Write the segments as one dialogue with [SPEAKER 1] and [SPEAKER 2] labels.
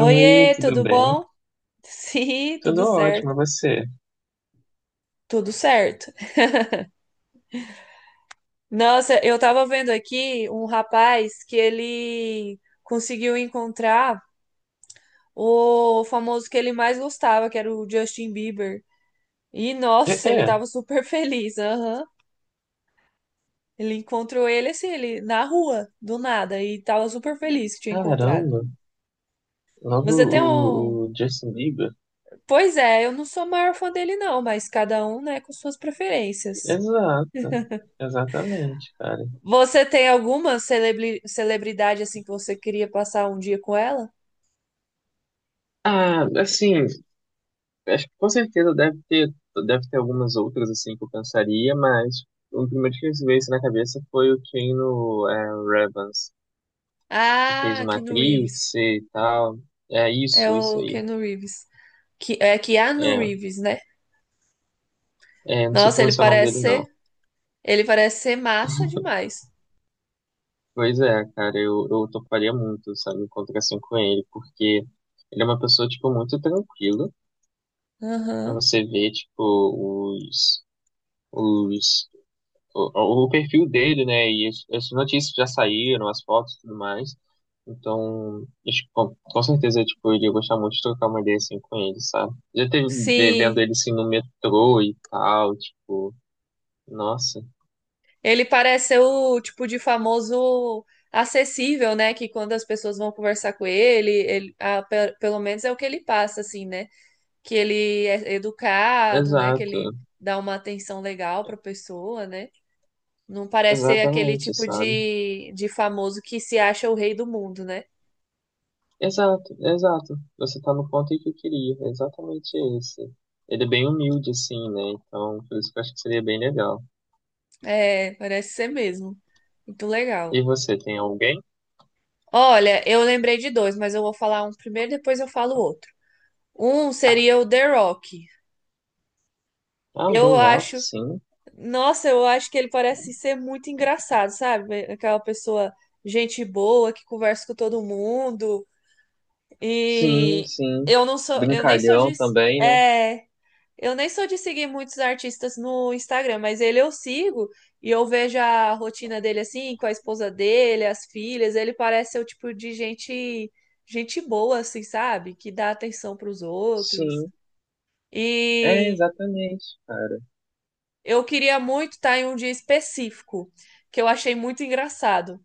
[SPEAKER 1] Oi, tudo
[SPEAKER 2] tudo
[SPEAKER 1] bem?
[SPEAKER 2] bom? Sim,
[SPEAKER 1] Tudo
[SPEAKER 2] tudo
[SPEAKER 1] ótimo,
[SPEAKER 2] certo.
[SPEAKER 1] e você?
[SPEAKER 2] Tudo certo. Nossa, eu tava vendo aqui um rapaz que ele conseguiu encontrar o famoso que ele mais gostava, que era o Justin Bieber. E
[SPEAKER 1] É,
[SPEAKER 2] nossa, ele
[SPEAKER 1] é,
[SPEAKER 2] tava super feliz. Aham. Ele encontrou ele assim, ele na rua, do nada, e tava super feliz que tinha encontrado.
[SPEAKER 1] caramba, logo
[SPEAKER 2] Você tem um.
[SPEAKER 1] o Justin Bieber.
[SPEAKER 2] Pois é, eu não sou a maior fã dele, não, mas cada um, né, com suas preferências.
[SPEAKER 1] Exato, exatamente, cara.
[SPEAKER 2] Você tem alguma celebridade assim que você queria passar um dia com ela?
[SPEAKER 1] Ah, assim, acho que com certeza deve ter algumas outras, assim, que eu pensaria, mas o primeiro que veio isso na cabeça foi o Keanu Reeves, que fez o
[SPEAKER 2] Ah, Keanu Reeves.
[SPEAKER 1] Matrix e tal. É
[SPEAKER 2] É
[SPEAKER 1] isso, isso
[SPEAKER 2] o
[SPEAKER 1] aí.
[SPEAKER 2] Keanu Reeves. Que, é Keanu
[SPEAKER 1] É,
[SPEAKER 2] Reeves, né?
[SPEAKER 1] não sei
[SPEAKER 2] Nossa,
[SPEAKER 1] pronunciar o nome dele, não.
[SPEAKER 2] ele parece ser massa demais.
[SPEAKER 1] Pois é, cara, eu toparia muito, sabe, encontrar assim com ele, porque ele é uma pessoa, tipo, muito tranquila.
[SPEAKER 2] Aham.
[SPEAKER 1] Você vê, tipo, os, o perfil dele, né, e as notícias já saíram, as fotos e tudo mais. Então, acho que com certeza, tipo, eu iria gostar muito de trocar uma ideia, assim, com ele, sabe? Já teve vendo
[SPEAKER 2] Sim,
[SPEAKER 1] ele, assim, no metrô e tal, tipo, nossa,
[SPEAKER 2] ele parece ser o tipo de famoso acessível, né? Que quando as pessoas vão conversar com ele, ele ah, pelo menos é o que ele passa, assim, né? Que ele é educado, né? Que
[SPEAKER 1] exato,
[SPEAKER 2] ele dá uma atenção legal para a pessoa, né? Não parece ser aquele
[SPEAKER 1] exatamente,
[SPEAKER 2] tipo
[SPEAKER 1] sabe?
[SPEAKER 2] de famoso que se acha o rei do mundo, né?
[SPEAKER 1] Exato, exato. Você tá no ponto em que eu queria, é exatamente esse. Ele é bem humilde, assim, né? Então, por isso que eu acho que seria bem legal.
[SPEAKER 2] É, parece ser mesmo. Muito
[SPEAKER 1] E
[SPEAKER 2] legal.
[SPEAKER 1] você tem alguém?
[SPEAKER 2] Olha, eu lembrei de dois, mas eu vou falar um primeiro, depois eu falo o outro. Um seria o The Rock.
[SPEAKER 1] Ah, o The
[SPEAKER 2] Eu
[SPEAKER 1] Rock,
[SPEAKER 2] acho,
[SPEAKER 1] sim.
[SPEAKER 2] nossa, eu acho que ele parece ser muito engraçado, sabe? Aquela pessoa gente boa que conversa com todo mundo.
[SPEAKER 1] Sim,
[SPEAKER 2] E
[SPEAKER 1] sim.
[SPEAKER 2] eu não sou, eu nem sou de,
[SPEAKER 1] Brincalhão também, né?
[SPEAKER 2] é, eu nem sou de seguir muitos artistas no Instagram, mas ele eu sigo e eu vejo a rotina dele assim, com a esposa dele, as filhas. Ele parece ser o tipo de gente, gente boa, assim, sabe? Que dá atenção para os outros.
[SPEAKER 1] Sim. É,
[SPEAKER 2] E
[SPEAKER 1] exatamente, cara.
[SPEAKER 2] eu queria muito estar em um dia específico, que eu achei muito engraçado.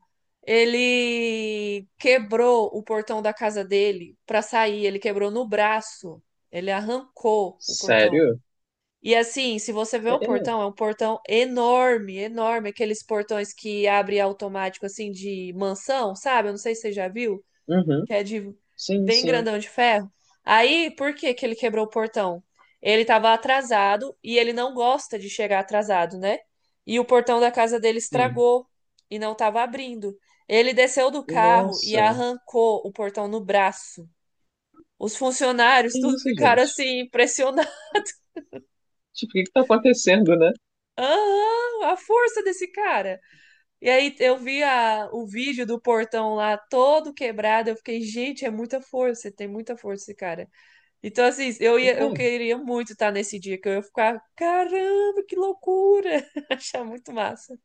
[SPEAKER 2] Ele quebrou o portão da casa dele para sair, ele quebrou no braço, ele arrancou o portão.
[SPEAKER 1] Sério?
[SPEAKER 2] E assim, se você vê
[SPEAKER 1] É,
[SPEAKER 2] o
[SPEAKER 1] é.
[SPEAKER 2] portão, é um portão enorme, enorme, aqueles portões que abre automático assim de mansão, sabe? Eu não sei se você já viu,
[SPEAKER 1] Uhum.
[SPEAKER 2] que é de
[SPEAKER 1] Sim,
[SPEAKER 2] bem
[SPEAKER 1] sim,
[SPEAKER 2] grandão de ferro. Aí, por que que ele quebrou o portão? Ele estava atrasado e ele não gosta de chegar atrasado, né? E o portão da casa dele
[SPEAKER 1] sim.
[SPEAKER 2] estragou e não estava abrindo. Ele desceu do carro e
[SPEAKER 1] Nossa,
[SPEAKER 2] arrancou o portão no braço. Os
[SPEAKER 1] que
[SPEAKER 2] funcionários tudo
[SPEAKER 1] isso,
[SPEAKER 2] ficaram
[SPEAKER 1] gente?
[SPEAKER 2] assim.
[SPEAKER 1] Tipo, o que que tá acontecendo, né?
[SPEAKER 2] Aham, a força desse cara. E aí eu vi a, o vídeo do portão lá todo quebrado. Eu fiquei, gente, é muita força, tem muita força esse cara. Então, assim, eu ia, eu
[SPEAKER 1] É,
[SPEAKER 2] queria muito estar nesse dia, que eu ia ficar, caramba, que loucura! Achar muito massa.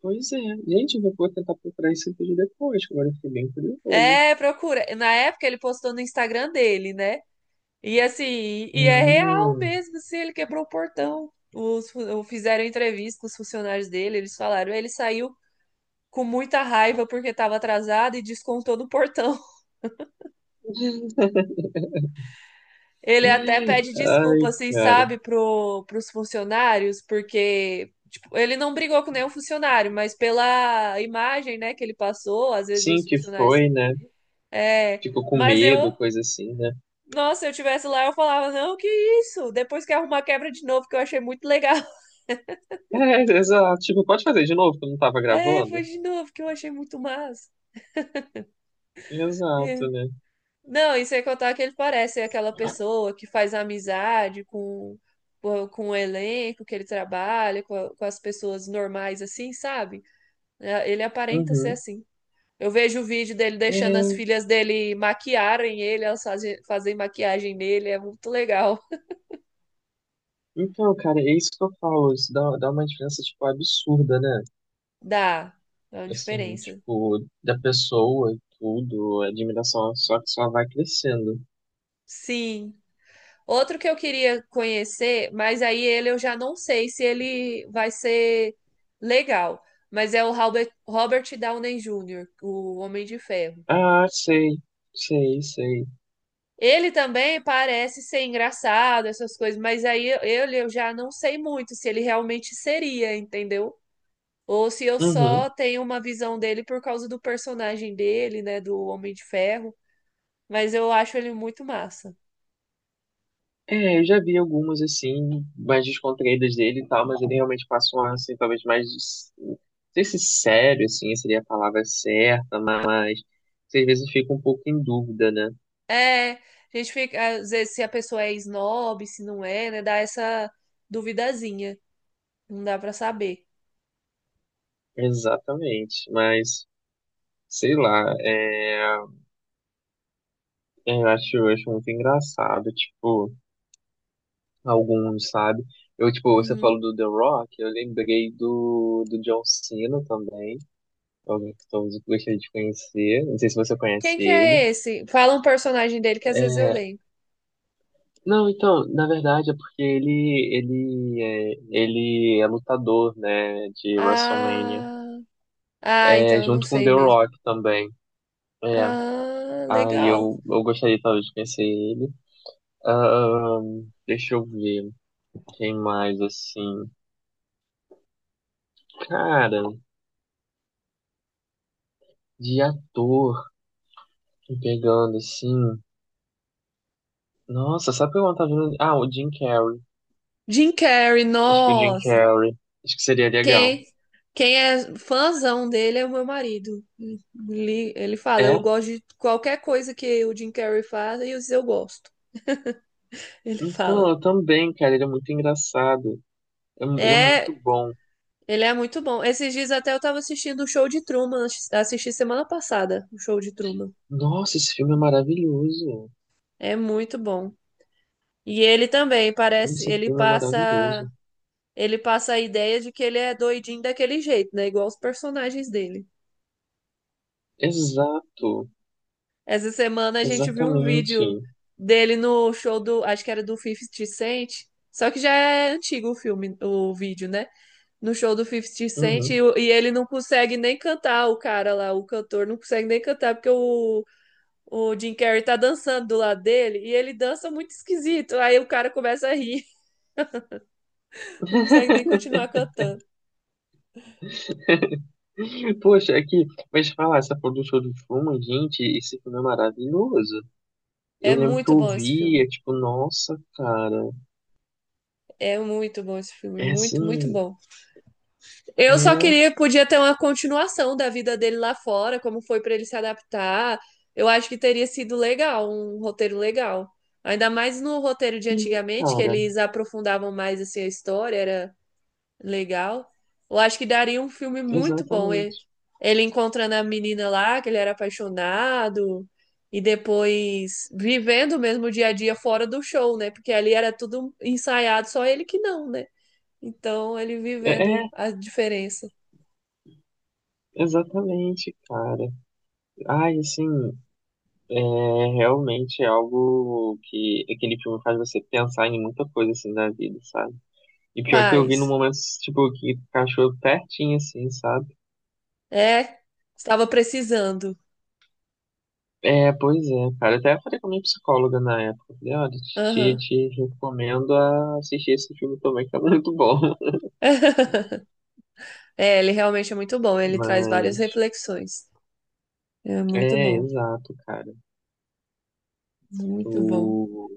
[SPEAKER 1] pois é. Gente, eu vou tentar procurar esse vídeo depois, que agora eu fiquei bem curioso.
[SPEAKER 2] É, procura. Na época ele postou no Instagram dele, né? E assim, e é real
[SPEAKER 1] Hum.
[SPEAKER 2] mesmo, assim, ele quebrou o portão. Os, fizeram entrevista com os funcionários dele, eles falaram, ele saiu com muita raiva porque estava atrasado e descontou no portão. Ele até pede
[SPEAKER 1] Ai,
[SPEAKER 2] desculpa, assim,
[SPEAKER 1] cara.
[SPEAKER 2] sabe, pro, pros funcionários, porque tipo, ele não brigou com nenhum funcionário, mas pela imagem, né, que ele passou, às vezes
[SPEAKER 1] Sim,
[SPEAKER 2] os
[SPEAKER 1] que
[SPEAKER 2] funcionários.
[SPEAKER 1] foi, né?
[SPEAKER 2] É,
[SPEAKER 1] Ficou com
[SPEAKER 2] mas
[SPEAKER 1] medo,
[SPEAKER 2] eu.
[SPEAKER 1] coisa assim, né?
[SPEAKER 2] Nossa, se eu tivesse lá, eu falava, não, que isso? Depois que arrumar quebra de novo, que eu achei muito legal.
[SPEAKER 1] É, exato. Tipo, pode fazer de novo, que eu não tava
[SPEAKER 2] É,
[SPEAKER 1] gravando?
[SPEAKER 2] foi de novo, que eu achei muito massa. É.
[SPEAKER 1] Exato, né?
[SPEAKER 2] Não, e sem contar que ele parece é aquela pessoa que faz amizade com, o elenco que ele trabalha, com, com as pessoas normais, assim, sabe? É, ele aparenta ser
[SPEAKER 1] Uhum.
[SPEAKER 2] assim. Eu vejo o vídeo dele deixando as
[SPEAKER 1] É,
[SPEAKER 2] filhas dele maquiarem ele, elas fazem, fazem maquiagem nele, é muito legal.
[SPEAKER 1] então, cara, é isso que eu falo. Isso dá uma diferença, tipo, absurda, né?
[SPEAKER 2] Dá, dá uma
[SPEAKER 1] Assim,
[SPEAKER 2] diferença.
[SPEAKER 1] tipo, da pessoa e tudo, a admiração só que só vai crescendo.
[SPEAKER 2] Sim. Outro que eu queria conhecer, mas aí ele eu já não sei se ele vai ser legal, mas é o Robert, Robert Downey Jr., o Homem de Ferro.
[SPEAKER 1] Ah, sei, sei, sei.
[SPEAKER 2] Ele também parece ser engraçado, essas coisas, mas aí ele eu já não sei muito se ele realmente seria, entendeu? Ou se eu
[SPEAKER 1] Uhum.
[SPEAKER 2] só tenho uma visão dele por causa do personagem dele, né, do Homem de Ferro, mas eu acho ele muito massa.
[SPEAKER 1] É, eu já vi algumas assim, mais descontraídas dele e tal, mas ele realmente passa um ar assim, talvez mais. Não sei se sério, assim, seria a palavra certa, mas às vezes fica um pouco em dúvida, né?
[SPEAKER 2] É, a gente fica, às vezes, se a pessoa é snob, se não é, né? Dá essa duvidazinha. Não dá pra saber.
[SPEAKER 1] Exatamente, mas sei lá, eu acho muito engraçado, tipo, alguns, sabe? Eu, tipo, você falou
[SPEAKER 2] Uhum.
[SPEAKER 1] do The Rock, eu lembrei do John Cena também, é alguém que talvez eu gostaria de conhecer, não sei se você conhece
[SPEAKER 2] Quem que
[SPEAKER 1] ele.
[SPEAKER 2] é esse? Fala um personagem dele que às vezes eu
[SPEAKER 1] É,
[SPEAKER 2] lembro.
[SPEAKER 1] não, então, na verdade é porque ele é lutador, né, de WrestleMania,
[SPEAKER 2] Ah, ah,
[SPEAKER 1] é,
[SPEAKER 2] então eu não
[SPEAKER 1] junto com
[SPEAKER 2] sei
[SPEAKER 1] The
[SPEAKER 2] mesmo.
[SPEAKER 1] Rock também. É,
[SPEAKER 2] Ah,
[SPEAKER 1] aí
[SPEAKER 2] legal.
[SPEAKER 1] eu gostaria talvez de conhecer ele. Deixa eu ver, quem mais assim? Cara, de ator, pegando assim. Nossa, sabe o que eu não tava vendo? Ah, o Jim Carrey.
[SPEAKER 2] Jim Carrey,
[SPEAKER 1] Acho que o Jim
[SPEAKER 2] nossa.
[SPEAKER 1] Carrey. Acho que seria legal.
[SPEAKER 2] Quem, quem é fãzão dele é o meu marido. Ele fala,
[SPEAKER 1] É?
[SPEAKER 2] eu gosto de qualquer coisa que o Jim Carrey faz e eu gosto. Ele
[SPEAKER 1] Então,
[SPEAKER 2] fala.
[SPEAKER 1] eu também, cara, ele é muito engraçado. Ele é
[SPEAKER 2] É,
[SPEAKER 1] muito bom.
[SPEAKER 2] ele é muito bom. Esses dias até eu tava assistindo o show de Truman, assisti semana passada, o show de Truman.
[SPEAKER 1] Nossa, esse filme é maravilhoso.
[SPEAKER 2] É muito bom. E ele também parece,
[SPEAKER 1] Esse filme é maravilhoso.
[SPEAKER 2] ele passa a ideia de que ele é doidinho daquele jeito, né? Igual os personagens dele.
[SPEAKER 1] Exato,
[SPEAKER 2] Essa semana a gente viu um
[SPEAKER 1] exatamente.
[SPEAKER 2] vídeo dele no show do, acho que era do Fifty Cent, só que já é antigo o filme, o vídeo, né? No show do Fifty Cent
[SPEAKER 1] Uhum.
[SPEAKER 2] e, e ele não consegue nem cantar, o cara lá, o cantor não consegue nem cantar porque o Jim Carrey tá dançando do lado dele e ele dança muito esquisito. Aí o cara começa a rir, não consegue nem continuar cantando.
[SPEAKER 1] Poxa, aqui, mas falar, essa porra do show de Truman, gente, esse filme é maravilhoso. Eu
[SPEAKER 2] É
[SPEAKER 1] lembro que
[SPEAKER 2] muito
[SPEAKER 1] eu
[SPEAKER 2] bom esse
[SPEAKER 1] via,
[SPEAKER 2] filme.
[SPEAKER 1] tipo, nossa, cara,
[SPEAKER 2] É muito bom esse filme,
[SPEAKER 1] é
[SPEAKER 2] muito, muito
[SPEAKER 1] assim,
[SPEAKER 2] bom. Eu só
[SPEAKER 1] é
[SPEAKER 2] queria, podia ter uma continuação da vida dele lá fora, como foi pra ele se adaptar. Eu acho que teria sido legal, um roteiro legal. Ainda mais no roteiro de
[SPEAKER 1] sim,
[SPEAKER 2] antigamente, que
[SPEAKER 1] cara,
[SPEAKER 2] eles aprofundavam mais assim a história, era legal. Eu acho que daria um filme muito bom. Ele,
[SPEAKER 1] exatamente.
[SPEAKER 2] ele encontrando a menina lá, que ele era apaixonado, e depois vivendo mesmo o dia a dia fora do show, né? Porque ali era tudo ensaiado, só ele que não, né? Então ele
[SPEAKER 1] É,
[SPEAKER 2] vivendo
[SPEAKER 1] é,
[SPEAKER 2] a diferença.
[SPEAKER 1] exatamente, cara. Ai, assim, é, realmente é algo que aquele filme faz você pensar em muita coisa, assim, da vida, sabe? E pior que eu vi no
[SPEAKER 2] Paz.
[SPEAKER 1] momento, tipo, que encaixou pertinho, assim, sabe?
[SPEAKER 2] É, estava precisando.
[SPEAKER 1] É, pois é, cara. Até falei com a minha psicóloga na época. Falei, olha,
[SPEAKER 2] Aham.
[SPEAKER 1] te recomendo a assistir esse filme também, que é muito bom.
[SPEAKER 2] É, ele realmente é muito bom. Ele traz várias
[SPEAKER 1] Mas,
[SPEAKER 2] reflexões. É muito
[SPEAKER 1] é,
[SPEAKER 2] bom,
[SPEAKER 1] exato, cara.
[SPEAKER 2] muito bom.
[SPEAKER 1] O...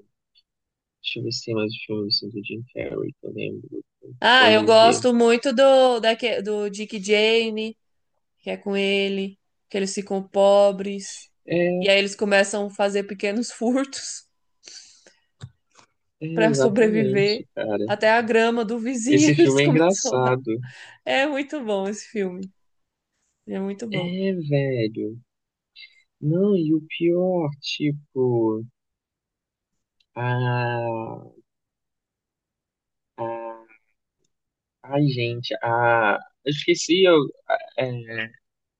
[SPEAKER 1] Deixa eu ver se tem mais filmes assim, do Jim Carrey, que eu lembro.
[SPEAKER 2] Ah, eu
[SPEAKER 1] Pode ver.
[SPEAKER 2] gosto muito do, daque do Dick e Jane, que é com ele, que eles ficam pobres,
[SPEAKER 1] É,
[SPEAKER 2] e aí eles começam a fazer pequenos furtos para
[SPEAKER 1] exatamente,
[SPEAKER 2] sobreviver.
[SPEAKER 1] cara.
[SPEAKER 2] Até a grama do vizinho
[SPEAKER 1] Esse
[SPEAKER 2] eles
[SPEAKER 1] filme é
[SPEAKER 2] começam a roubar.
[SPEAKER 1] engraçado.
[SPEAKER 2] É muito bom esse filme. É muito bom.
[SPEAKER 1] É, velho. Não, e o pior, tipo... Ah, ai, gente, a. Eu esqueci. Eu... É...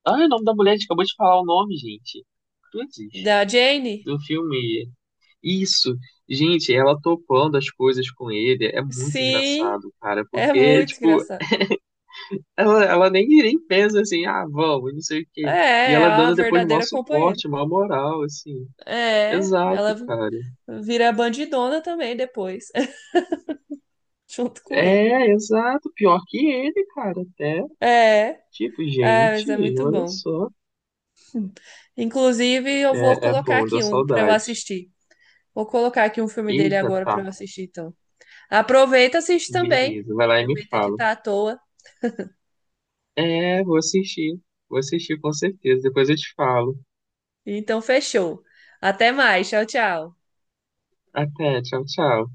[SPEAKER 1] Ai, o nome da mulher, a gente acabou de falar o nome, gente. Cruzes,
[SPEAKER 2] Da Jane?
[SPEAKER 1] do filme. Isso, gente, ela topando as coisas com ele é muito
[SPEAKER 2] Sim,
[SPEAKER 1] engraçado, cara,
[SPEAKER 2] é
[SPEAKER 1] porque,
[SPEAKER 2] muito
[SPEAKER 1] tipo,
[SPEAKER 2] engraçado.
[SPEAKER 1] ela nem, nem pensa assim, ah, vamos, não sei o
[SPEAKER 2] É,
[SPEAKER 1] quê. E
[SPEAKER 2] é
[SPEAKER 1] ela
[SPEAKER 2] a
[SPEAKER 1] dando depois maior
[SPEAKER 2] verdadeira companheira.
[SPEAKER 1] suporte, maior moral, assim.
[SPEAKER 2] É,
[SPEAKER 1] Exato,
[SPEAKER 2] ela
[SPEAKER 1] cara.
[SPEAKER 2] vira bandidona também depois, junto com ele.
[SPEAKER 1] É, exato. Pior que ele, cara, até.
[SPEAKER 2] É,
[SPEAKER 1] Tipo,
[SPEAKER 2] é, mas
[SPEAKER 1] gente,
[SPEAKER 2] é muito
[SPEAKER 1] olha
[SPEAKER 2] bom.
[SPEAKER 1] só.
[SPEAKER 2] Inclusive, eu vou
[SPEAKER 1] É, é
[SPEAKER 2] colocar
[SPEAKER 1] bom, deu
[SPEAKER 2] aqui um para eu
[SPEAKER 1] saudade.
[SPEAKER 2] assistir. Vou colocar aqui um filme dele
[SPEAKER 1] Eita,
[SPEAKER 2] agora
[SPEAKER 1] tá.
[SPEAKER 2] para eu assistir, então. Aproveita, e assiste também.
[SPEAKER 1] Beleza. Vai lá e me
[SPEAKER 2] Aproveita que
[SPEAKER 1] fala.
[SPEAKER 2] tá à toa.
[SPEAKER 1] É, vou assistir. Vou assistir com certeza. Depois eu te falo.
[SPEAKER 2] Então, fechou. Até mais. Tchau, tchau.
[SPEAKER 1] Até. Tchau, tchau.